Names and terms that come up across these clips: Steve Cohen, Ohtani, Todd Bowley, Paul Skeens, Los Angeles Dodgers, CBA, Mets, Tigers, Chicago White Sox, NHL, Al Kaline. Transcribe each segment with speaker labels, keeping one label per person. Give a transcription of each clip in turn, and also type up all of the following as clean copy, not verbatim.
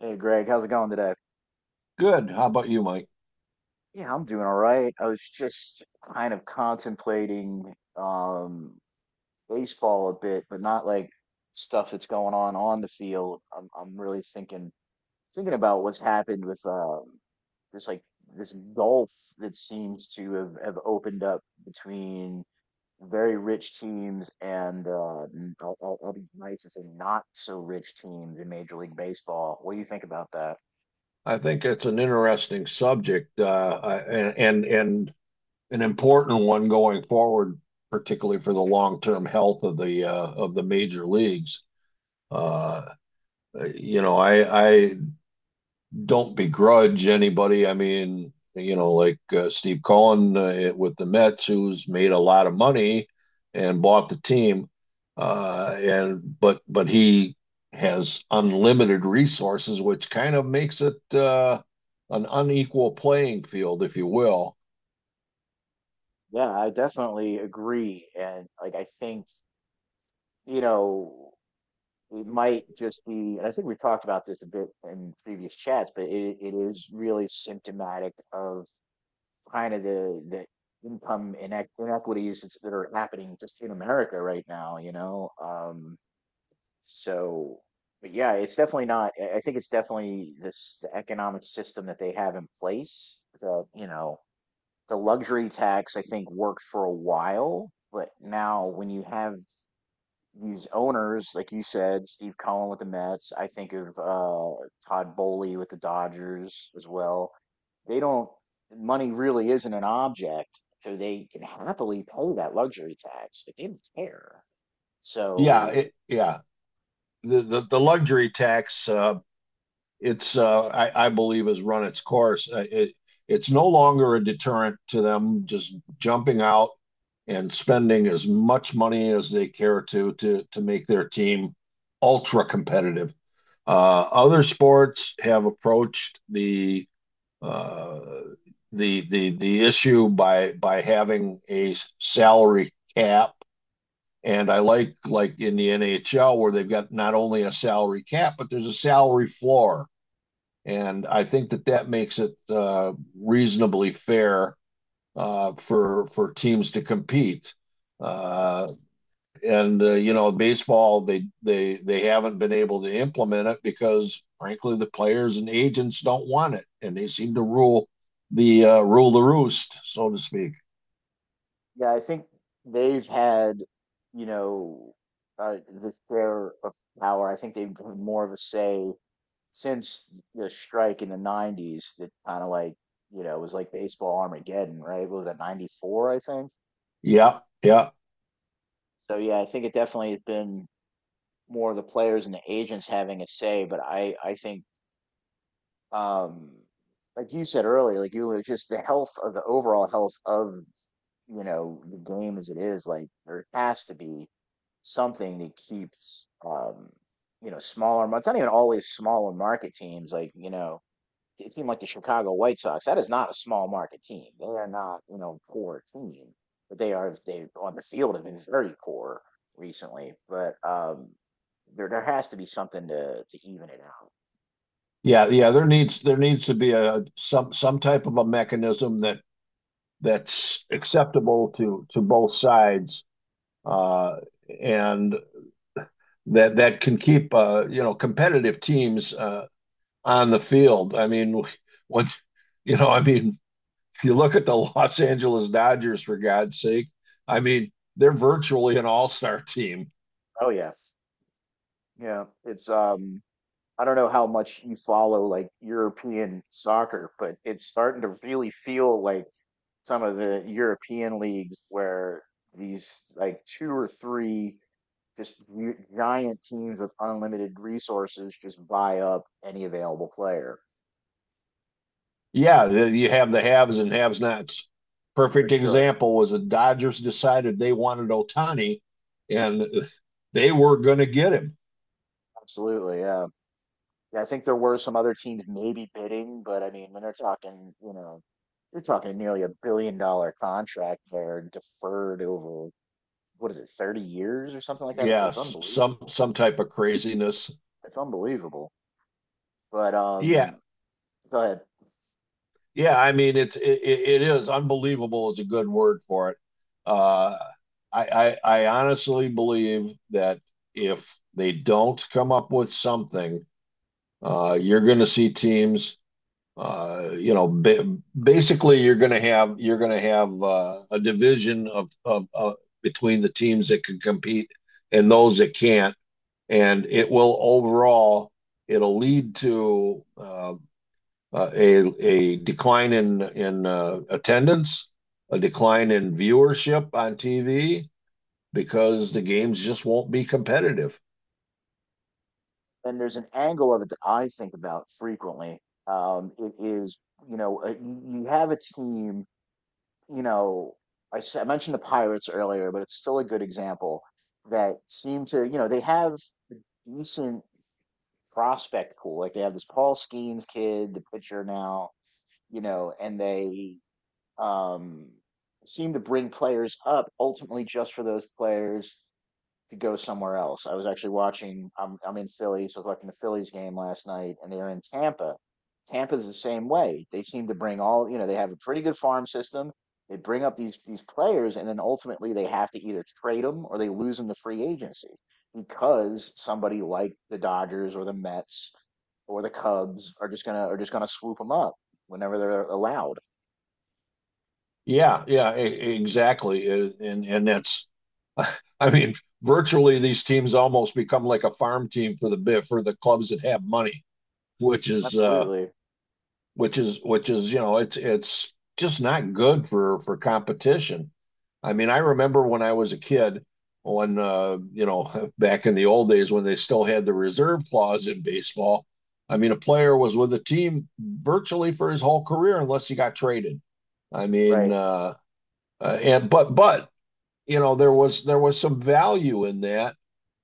Speaker 1: Hey Greg, how's it going today?
Speaker 2: Good. How about you, Mike?
Speaker 1: Yeah, I'm doing all right. I was just kind of contemplating baseball a bit, but not like stuff that's going on the field. I'm really thinking about what's happened with this like this gulf that seems to have opened up between very rich teams and I'll be nice and say not so rich teams in Major League Baseball. What do you think about that?
Speaker 2: I think it's an interesting subject, and an important one going forward, particularly for the long-term health of the major leagues. Uh, you know, I don't begrudge anybody. I mean, you know, like Steve Cohen with the Mets, who's made a lot of money and bought the team, and but he has unlimited resources, which kind of makes it an unequal playing field, if you will.
Speaker 1: Yeah, I definitely agree. And like, I think, you know, it might just be, and I think we've talked about this a bit in previous chats, but it is really symptomatic of kind of the income inequities that are happening just in America right now, you know? So, but yeah, it's definitely not, I think it's definitely the economic system that they have in place that, you know, the luxury tax I think worked for a while, but now when you have these owners, like you said, Steve Cohen with the Mets. I think of Todd Bowley with the Dodgers as well. They don't money really isn't an object, so they can happily pay that luxury tax. They didn't care.
Speaker 2: Yeah,
Speaker 1: So
Speaker 2: yeah. The luxury tax I believe has run its course. It's no longer a deterrent to them just jumping out and spending as much money as they care to make their team ultra competitive. Other sports have approached uh, the issue by having a salary cap. And I like in the NHL where they've got not only a salary cap, but there's a salary floor, and I think that that makes it reasonably fair, for teams to compete. Uh, and You know, baseball they haven't been able to implement it because, frankly, the players and agents don't want it, and they seem to rule the roost, so to speak.
Speaker 1: yeah, I think they've had, you know, the share of power. I think they've had more of a say since the strike in the 90s that kind of like, you know, was like baseball armageddon, right? What was that, 94, I think?
Speaker 2: Yeah, yeah,
Speaker 1: So yeah, I think it definitely has been more of the players and the agents having a say, but I think um like you said earlier, like you just the health of the overall health of, you know, the game as it is, like there has to be something that keeps you know, smaller, it's not even always smaller market teams, like, you know, a team like the Chicago White Sox, that is not a small market team. They are not, you know, poor team, but they are they on the field have been very poor recently. But there has to be something to even it out.
Speaker 2: yeah, yeah. There needs to be a some type of a mechanism that that's acceptable to both sides. Uh, and that that can keep, you know, competitive teams on the field. I mean, when you know, I mean, if you look at the Los Angeles Dodgers, for God's sake, I mean, they're virtually an all-star team.
Speaker 1: Oh yeah, yeah. It's I don't know how much you follow like European soccer, but it's starting to really feel like some of the European leagues where these like two or three giant teams with unlimited resources just buy up any available player
Speaker 2: Yeah, you have the haves and haves nots.
Speaker 1: for
Speaker 2: Perfect
Speaker 1: sure.
Speaker 2: example was the Dodgers decided they wanted Ohtani, and they were going to get him.
Speaker 1: Absolutely, yeah. Yeah, I think there were some other teams maybe bidding, but I mean, when they're talking, you know, you're talking nearly a billion dollar contract there deferred over what is it, 30 years or something like that. It's
Speaker 2: Yes,
Speaker 1: unbelievable.
Speaker 2: some type of craziness.
Speaker 1: It's unbelievable. But
Speaker 2: Yeah,
Speaker 1: um but
Speaker 2: yeah, I mean it is unbelievable is a good word for it. Uh, I honestly believe that if they don't come up with something, you're going to see teams. Uh, you know, ba- basically you're going to have a division of between the teams that can compete and those that can't, and it will overall it'll lead to a decline in attendance, a decline in viewership on TV because the games just won't be competitive.
Speaker 1: and There's an angle of it that I think about frequently. Um, it is, you know, you you have a team, you know, I mentioned the Pirates earlier, but it's still a good example that seem to, you know, they have decent prospect pool. Like they have this Paul Skeens kid, the pitcher now, you know, and they um, seem to bring players up ultimately just for those players to go somewhere else. I was actually watching. I'm in Philly, so I was watching the Phillies game last night, and they're in Tampa. Tampa's the same way. They seem to bring all, you know. They have a pretty good farm system. They bring up these players, and then ultimately they have to either trade them or they lose them to free agency because somebody like the Dodgers or the Mets or the Cubs are just gonna swoop them up whenever they're allowed.
Speaker 2: Yeah, exactly. And that's, I mean, virtually these teams almost become like a farm team for the bit for the clubs that have money, which is
Speaker 1: Absolutely
Speaker 2: which is, you know, it's just not good for competition. I mean, I remember when I was a kid when, you know, back in the old days when they still had the reserve clause in baseball. I mean, a player was with a team virtually for his whole career unless he got traded. I mean,
Speaker 1: right.
Speaker 2: and but you know there was some value in that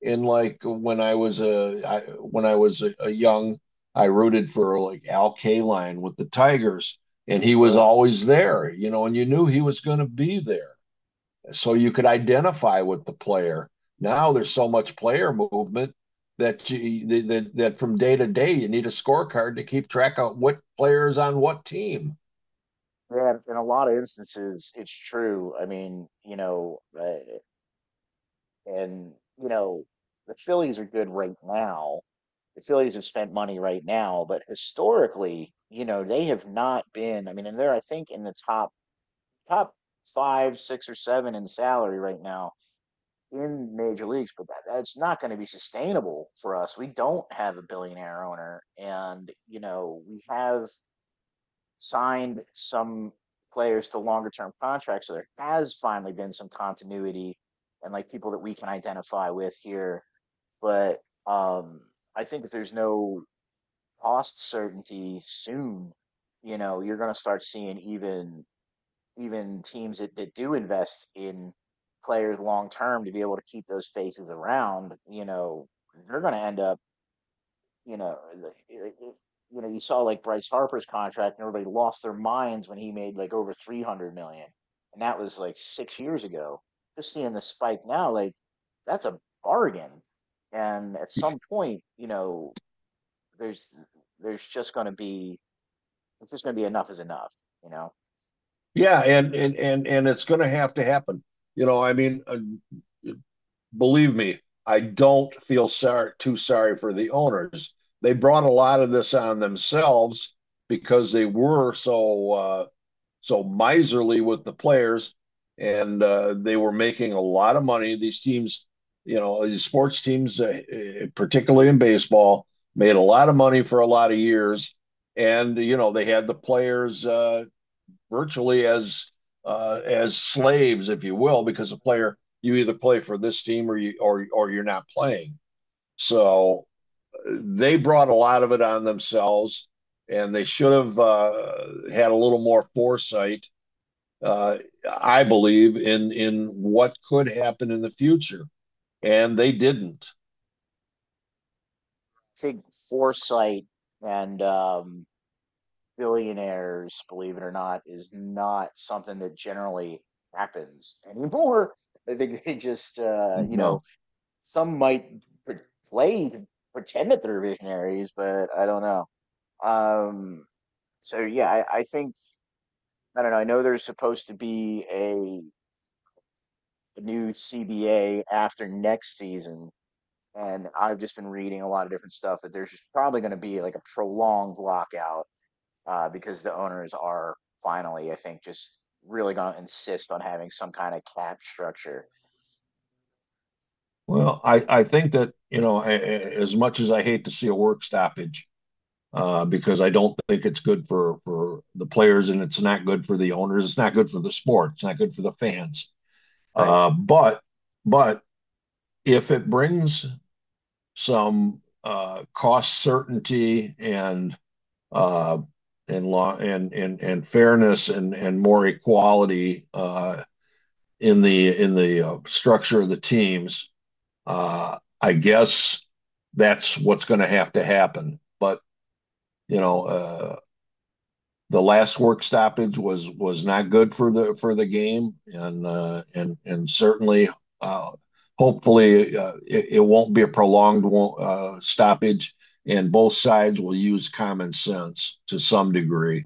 Speaker 2: in, when I was a young, I rooted for like Al Kaline with the Tigers, and he was
Speaker 1: Sure.
Speaker 2: always there, you know, and you knew he was going to be there, so you could identify with the player. Now there's so much player movement that you that that, from day to day you need a scorecard to keep track of what player is on what team.
Speaker 1: Yeah, in a lot of instances, it's true. I mean, you know, and you know, the Phillies are good right now. The Phillies have spent money right now, but historically, you know, they have not been. I mean, and they're I think in the top five, six, or seven in salary right now in major leagues, but that's not going to be sustainable for us. We don't have a billionaire owner, and you know, we have signed some players to longer term contracts. So there has finally been some continuity and like people that we can identify with here. But um, I think if there's no cost certainty soon, you know, you're going to start seeing even even teams that do invest in players long term to be able to keep those faces around. You know, they're going to end up, you know, you know, you saw like Bryce Harper's contract, and everybody lost their minds when he made like over 300 million, and that was like 6 years ago. Just seeing the spike now, like that's a bargain. And at some point, you know, there's there's just going to be it's just going to be enough is enough. You know,
Speaker 2: Yeah, and it's going to have to happen. You know, I mean, believe me, I don't feel sorry too sorry for the owners. They brought a lot of this on themselves because they were so, so miserly with the players, and they were making a lot of money. These teams, you know, these sports teams, particularly in baseball, made a lot of money for a lot of years, and you know they had the players virtually as, as slaves, if you will, because a player, you either play for this team or you or you're not playing. So they brought a lot of it on themselves, and they should have, had a little more foresight, uh, I believe, in what could happen in the future, and they didn't.
Speaker 1: I think foresight and billionaires, believe it or not, is not something that generally happens anymore. I think they just, you know,
Speaker 2: No.
Speaker 1: some might play to pretend that they're visionaries, but I don't know. Um, yeah, I think I don't know. I know there's supposed to be a new CBA after next season, and I've just been reading a lot of different stuff that there's just probably going to be like a prolonged lockout because the owners are finally, I think, just really going to insist on having some kind of cap structure.
Speaker 2: Well, I think that, you know, as much as I hate to see a work stoppage, because I don't think it's good for the players, and it's not good for the owners. It's not good for the sport. It's not good for the fans.
Speaker 1: Right.
Speaker 2: Uh, but but if it brings some, cost certainty uh, and law and fairness and more equality, in the structure of the teams, I guess that's what's going to have to happen. But you know, the last work stoppage was not good for the game, and certainly, uh, hopefully, it won't be a prolonged, stoppage, and both sides will use common sense to some degree.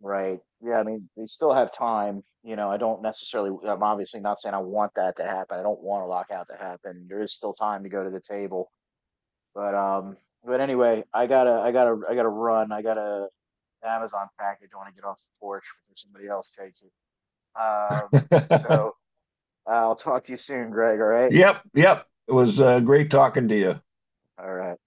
Speaker 1: Right. Yeah. I mean, they still have time. You know, I don't necessarily, I'm obviously not saying I want that to happen. I don't want a lockout to happen. There is still time to go to the table. But, um, but Anyway, I gotta run. I got a Amazon package. I want to get off the porch before somebody else takes it. Um, so I'll talk to you soon, Greg. All right.
Speaker 2: Yep, yep. It was great talking to you.
Speaker 1: All right.